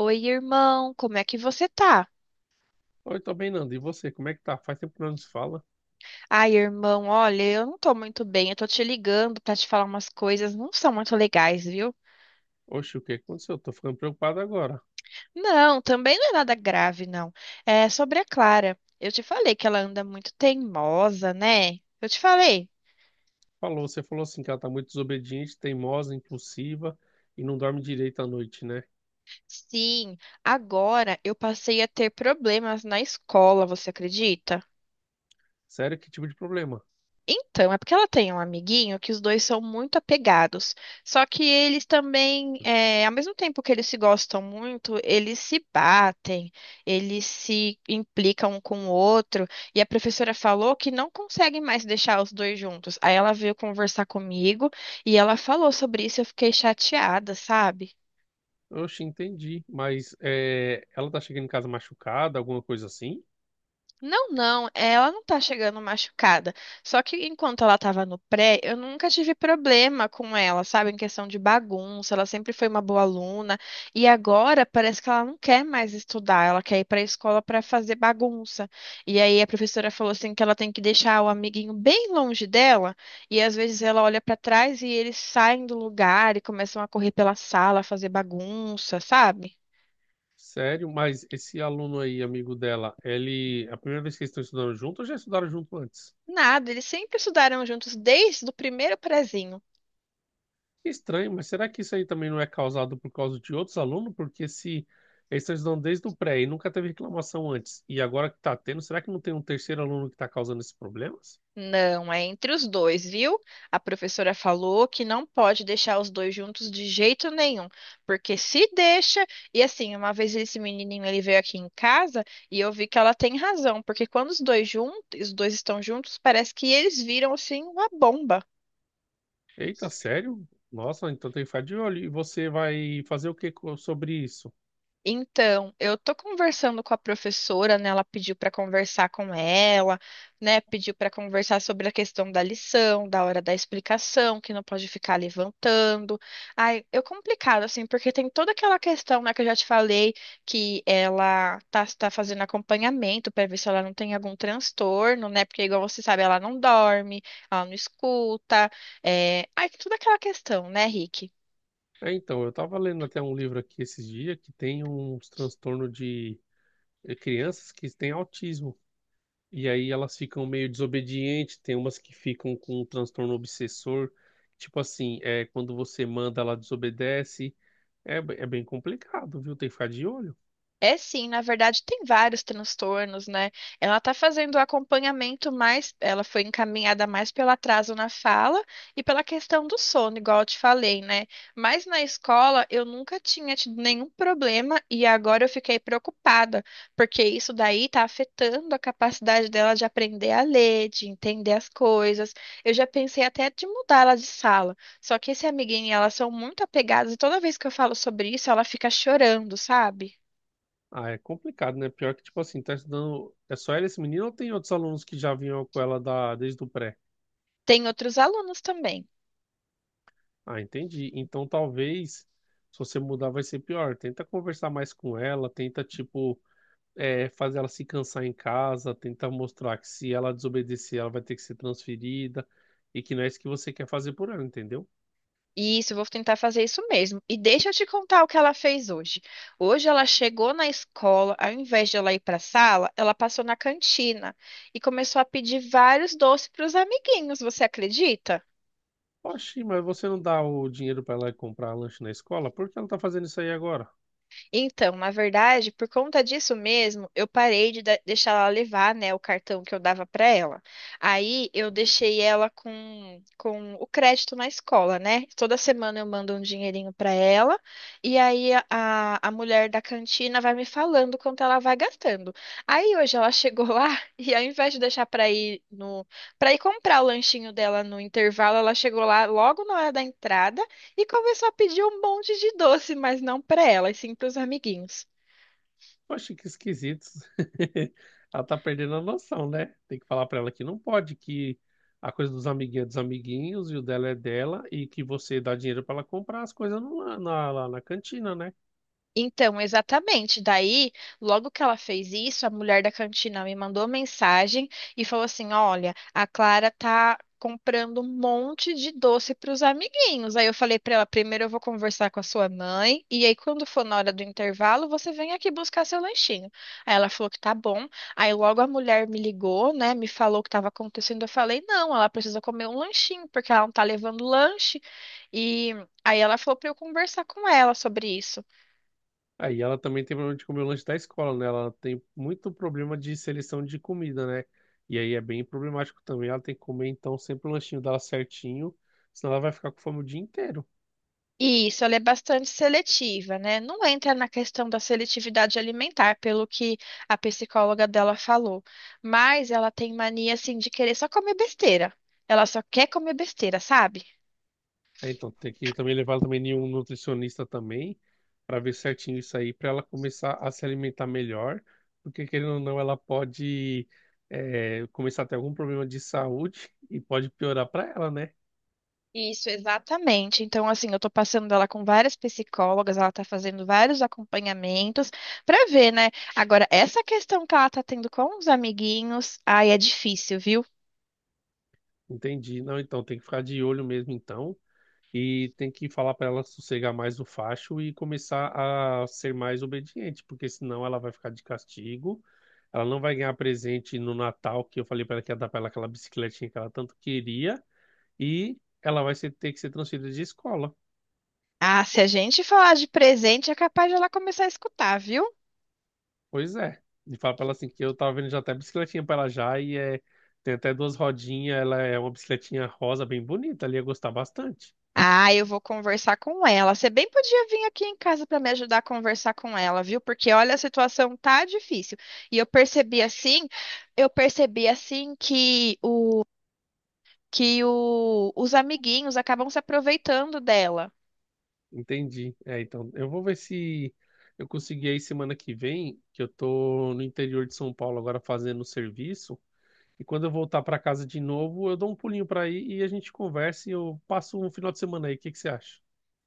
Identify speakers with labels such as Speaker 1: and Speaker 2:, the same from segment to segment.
Speaker 1: Oi, irmão, como é que você tá?
Speaker 2: Oi, tô bem, Nando. E você, como é que tá? Faz tempo que não nos fala.
Speaker 1: Ai, irmão, olha, eu não tô muito bem, eu tô te ligando pra te falar umas coisas, não são muito legais, viu?
Speaker 2: Oxe, o que aconteceu? Tô ficando preocupado agora.
Speaker 1: Não, também não é nada grave, não. É sobre a Clara. Eu te falei que ela anda muito teimosa, né? Eu te falei.
Speaker 2: Falou, você falou assim que ela tá muito desobediente, teimosa, impulsiva e não dorme direito à noite, né?
Speaker 1: Sim, agora eu passei a ter problemas na escola, você acredita?
Speaker 2: Sério, que tipo de problema?
Speaker 1: Então, é porque ela tem um amiguinho que os dois são muito apegados. Só que eles também, ao mesmo tempo que eles se gostam muito, eles se batem, eles se implicam um com o outro. E a professora falou que não consegue mais deixar os dois juntos. Aí ela veio conversar comigo e ela falou sobre isso. Eu fiquei chateada, sabe?
Speaker 2: Oxe, entendi. Mas é, ela tá chegando em casa machucada, alguma coisa assim?
Speaker 1: Não, não, ela não tá chegando machucada. Só que enquanto ela tava no pré, eu nunca tive problema com ela, sabe? Em questão de bagunça, ela sempre foi uma boa aluna. E agora parece que ela não quer mais estudar, ela quer ir pra escola pra fazer bagunça. E aí a professora falou assim que ela tem que deixar o amiguinho bem longe dela. E às vezes ela olha pra trás e eles saem do lugar e começam a correr pela sala, fazer bagunça, sabe?
Speaker 2: Sério, mas esse aluno aí, amigo dela, ele... É a primeira vez que eles estão estudando junto ou já estudaram junto antes?
Speaker 1: Nada, eles sempre estudaram juntos desde o primeiro prezinho.
Speaker 2: Estranho, mas será que isso aí também não é causado por causa de outros alunos? Porque se eles estão estudando desde o pré e nunca teve reclamação antes, e agora que está tendo, será que não tem um terceiro aluno que está causando esses problemas?
Speaker 1: Não, é entre os dois, viu? A professora falou que não pode deixar os dois juntos de jeito nenhum, porque se deixa, e assim, uma vez esse menininho ele veio aqui em casa e eu vi que ela tem razão, porque quando os dois juntos, os dois estão juntos, parece que eles viram assim uma bomba.
Speaker 2: Eita, sério? Nossa, então tem que ficar de olho. E você vai fazer sobre isso?
Speaker 1: Então, eu tô conversando com a professora, né? Ela pediu para conversar com ela, né? Pediu para conversar sobre a questão da lição, da hora da explicação, que não pode ficar levantando. Ai, é complicado assim, porque tem toda aquela questão, né, que eu já te falei, que ela tá fazendo acompanhamento para ver se ela não tem algum transtorno, né? Porque igual você sabe, ela não dorme, ela não escuta. Ai, toda aquela questão, né, Rick?
Speaker 2: É, então, eu estava lendo até um livro aqui esses dias que tem uns transtorno de crianças que têm autismo. E aí elas ficam meio desobedientes, tem umas que ficam com um transtorno obsessor. Tipo assim, é, quando você manda, ela desobedece. É, é bem complicado, viu? Tem que ficar de olho.
Speaker 1: É sim, na verdade tem vários transtornos, né? Ela está fazendo o acompanhamento mais, ela foi encaminhada mais pelo atraso na fala e pela questão do sono, igual eu te falei, né? Mas na escola eu nunca tinha tido nenhum problema e agora eu fiquei preocupada, porque isso daí está afetando a capacidade dela de aprender a ler, de entender as coisas. Eu já pensei até de mudar ela de sala, só que esse amiguinho e ela são muito apegadas e toda vez que eu falo sobre isso, ela fica chorando, sabe?
Speaker 2: Ah, é complicado, né? Pior que, tipo assim, tá estudando. É só ela esse menino ou tem outros alunos que já vinham com ela desde o pré?
Speaker 1: Tem outros alunos também.
Speaker 2: Ah, entendi. Então talvez, se você mudar, vai ser pior. Tenta conversar mais com ela, tenta, tipo. É, fazer ela se cansar em casa, tentar mostrar que se ela desobedecer, ela vai ter que ser transferida e que não é isso que você quer fazer por ela, entendeu?
Speaker 1: Isso, eu vou tentar fazer isso mesmo. E deixa eu te contar o que ela fez hoje. Hoje ela chegou na escola, ao invés de ela ir para a sala, ela passou na cantina e começou a pedir vários doces para os amiguinhos. Você acredita?
Speaker 2: Oxi, mas você não dá o dinheiro pra ela ir comprar lanche na escola? Por que ela tá fazendo isso aí agora?
Speaker 1: Então, na verdade, por conta disso mesmo, eu parei de deixar ela levar, né, o cartão que eu dava para ela. Aí eu deixei ela com o crédito na escola, né? Toda semana eu mando um dinheirinho para ela e aí a mulher da cantina vai me falando quanto ela vai gastando. Aí hoje ela chegou lá e ao invés de deixar para ir no para ir comprar o lanchinho dela no intervalo, ela chegou lá logo na hora da entrada e começou a pedir um monte de doce, mas não para ela, e sim para os amiguinhos.
Speaker 2: Poxa, que esquisito. Ela tá perdendo a noção, né? Tem que falar pra ela que não pode, que a coisa dos amiguinhos é dos amiguinhos e o dela é dela e que você dá dinheiro pra ela comprar as coisas lá na cantina, né?
Speaker 1: Então, exatamente. Daí, logo que ela fez isso, a mulher da cantina me mandou mensagem e falou assim: "Olha, a Clara tá comprando um monte de doce para os amiguinhos." Aí eu falei para ela: "Primeiro eu vou conversar com a sua mãe, e aí quando for na hora do intervalo, você vem aqui buscar seu lanchinho." Aí ela falou que tá bom. Aí logo a mulher me ligou, né, me falou o que estava acontecendo. Eu falei: "Não, ela precisa comer um lanchinho, porque ela não tá levando lanche." E aí ela falou para eu conversar com ela sobre isso.
Speaker 2: Aí ela também tem problema de comer o lanche da escola, né? Ela tem muito problema de seleção de comida, né? E aí é bem problemático também. Ela tem que comer, então, sempre o lanchinho dela certinho, senão ela vai ficar com fome o dia inteiro.
Speaker 1: Isso, ela é bastante seletiva, né? Não entra na questão da seletividade alimentar, pelo que a psicóloga dela falou, mas ela tem mania assim de querer só comer besteira. Ela só quer comer besteira, sabe?
Speaker 2: É, então, tem que também levar ela também em um nutricionista também, para ver certinho isso aí, para ela começar a se alimentar melhor, porque querendo ou não, ela pode começar a ter algum problema de saúde e pode piorar para ela, né?
Speaker 1: Isso, exatamente. Então, assim, eu tô passando ela com várias psicólogas, ela tá fazendo vários acompanhamentos pra ver, né? Agora, essa questão que ela tá tendo com os amiguinhos, ai, é difícil, viu?
Speaker 2: Entendi. Não, então tem que ficar de olho mesmo, então, e tem que falar para ela sossegar mais o facho e começar a ser mais obediente, porque senão ela vai ficar de castigo. Ela não vai ganhar presente no Natal, que eu falei para ela que ia dar para ela aquela bicicletinha que ela tanto queria. E ela ter que ser transferida de escola.
Speaker 1: Ah, se a gente falar de presente, é capaz de ela começar a escutar, viu?
Speaker 2: Pois é. E fala pra ela assim que eu tava vendo já até bicicletinha pra ela já e é, tem até duas rodinhas, ela é uma bicicletinha rosa bem bonita, ela ia gostar bastante.
Speaker 1: Ah, eu vou conversar com ela. Você bem podia vir aqui em casa para me ajudar a conversar com ela, viu? Porque olha, a situação tá difícil. E eu percebi assim os amiguinhos acabam se aproveitando dela.
Speaker 2: Entendi. É, então, eu vou ver se eu consegui aí semana que vem, que eu tô no interior de São Paulo agora fazendo serviço. E quando eu voltar para casa de novo, eu dou um pulinho para aí e a gente conversa e eu passo um final de semana aí. O que que você acha?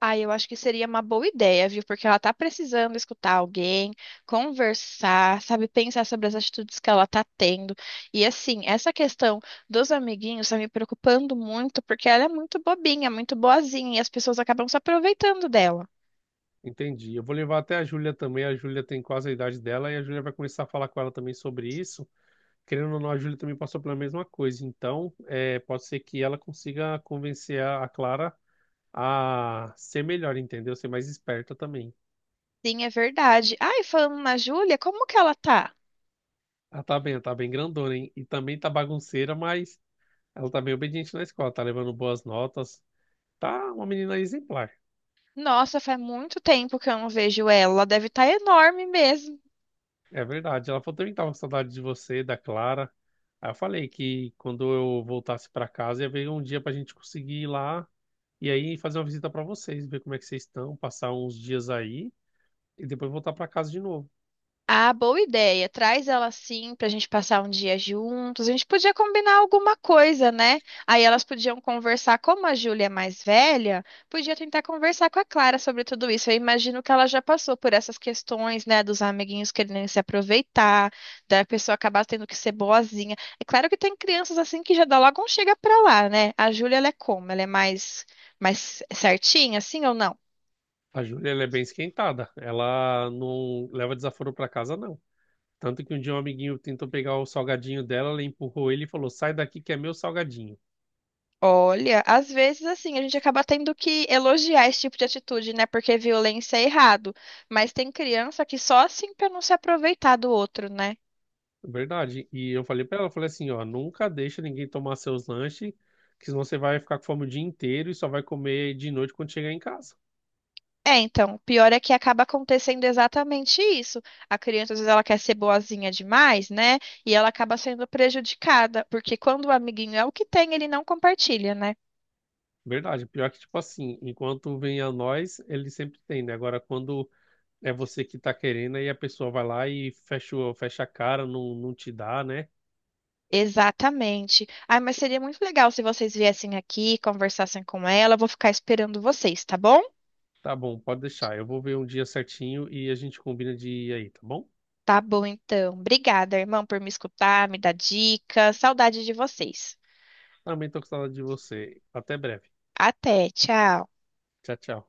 Speaker 1: Ah, eu acho que seria uma boa ideia, viu? Porque ela tá precisando escutar alguém, conversar, sabe, pensar sobre as atitudes que ela tá tendo. E assim, essa questão dos amiguinhos tá me preocupando muito, porque ela é muito bobinha, muito boazinha, e as pessoas acabam se aproveitando dela.
Speaker 2: Entendi. Eu vou levar até a Júlia também. A Júlia tem quase a idade dela e a Júlia vai começar a falar com ela também sobre isso. Querendo ou não, a Júlia também passou pela mesma coisa. Então, é, pode ser que ela consiga convencer a Clara a ser melhor, entendeu? Ser mais esperta também.
Speaker 1: Sim, é verdade. Ai, falando na Júlia, como que ela tá?
Speaker 2: Ela tá bem grandona, hein? E também tá bagunceira, mas ela tá bem obediente na escola, tá levando boas notas. Tá uma menina exemplar.
Speaker 1: Nossa, faz muito tempo que eu não vejo ela. Ela deve estar enorme mesmo.
Speaker 2: É verdade. Ela falou também que tava com saudade de você, da Clara. Aí eu falei que quando eu voltasse pra casa ia ver um dia pra gente conseguir ir lá e aí fazer uma visita pra vocês, ver como é que vocês estão, passar uns dias aí e depois voltar pra casa de novo.
Speaker 1: Ah, boa ideia. Traz ela assim pra gente passar um dia juntos. A gente podia combinar alguma coisa, né? Aí elas podiam conversar, como a Júlia é mais velha, podia tentar conversar com a Clara sobre tudo isso. Eu imagino que ela já passou por essas questões, né, dos amiguinhos querendo se aproveitar, da pessoa acabar tendo que ser boazinha. É claro que tem crianças assim que já dá logo um chega pra lá, né? A Júlia, ela é como? Ela é mais certinha assim ou não?
Speaker 2: A Júlia, ela é bem esquentada. Ela não leva desaforo pra casa, não. Tanto que um dia um amiguinho tentou pegar o salgadinho dela, ela empurrou ele e falou: Sai daqui que é meu salgadinho.
Speaker 1: Olha, às vezes assim, a gente acaba tendo que elogiar esse tipo de atitude, né? Porque violência é errado. Mas tem criança que só assim pra não se aproveitar do outro, né?
Speaker 2: Verdade. E eu falei pra ela, eu falei assim, ó, nunca deixa ninguém tomar seus lanches, que senão você vai ficar com fome o dia inteiro e só vai comer de noite quando chegar em casa.
Speaker 1: É, então, o pior é que acaba acontecendo exatamente isso. A criança, às vezes, ela quer ser boazinha demais, né? E ela acaba sendo prejudicada, porque quando o amiguinho é o que tem, ele não compartilha, né?
Speaker 2: Verdade. Pior que, tipo assim, enquanto vem a nós, ele sempre tem, né? Agora, quando é você que tá querendo, aí a pessoa vai lá e fecha, fecha a cara, não, não te dá, né?
Speaker 1: Exatamente. Ah, mas seria muito legal se vocês viessem aqui, conversassem com ela. Eu vou ficar esperando vocês, tá bom?
Speaker 2: Tá bom, pode deixar. Eu vou ver um dia certinho e a gente combina de ir aí, tá bom?
Speaker 1: Tá bom, então. Obrigada, irmão, por me escutar, me dar dica. Saudade de vocês.
Speaker 2: Também tô com saudade de você. Até breve.
Speaker 1: Até, tchau.
Speaker 2: Tchau, tchau.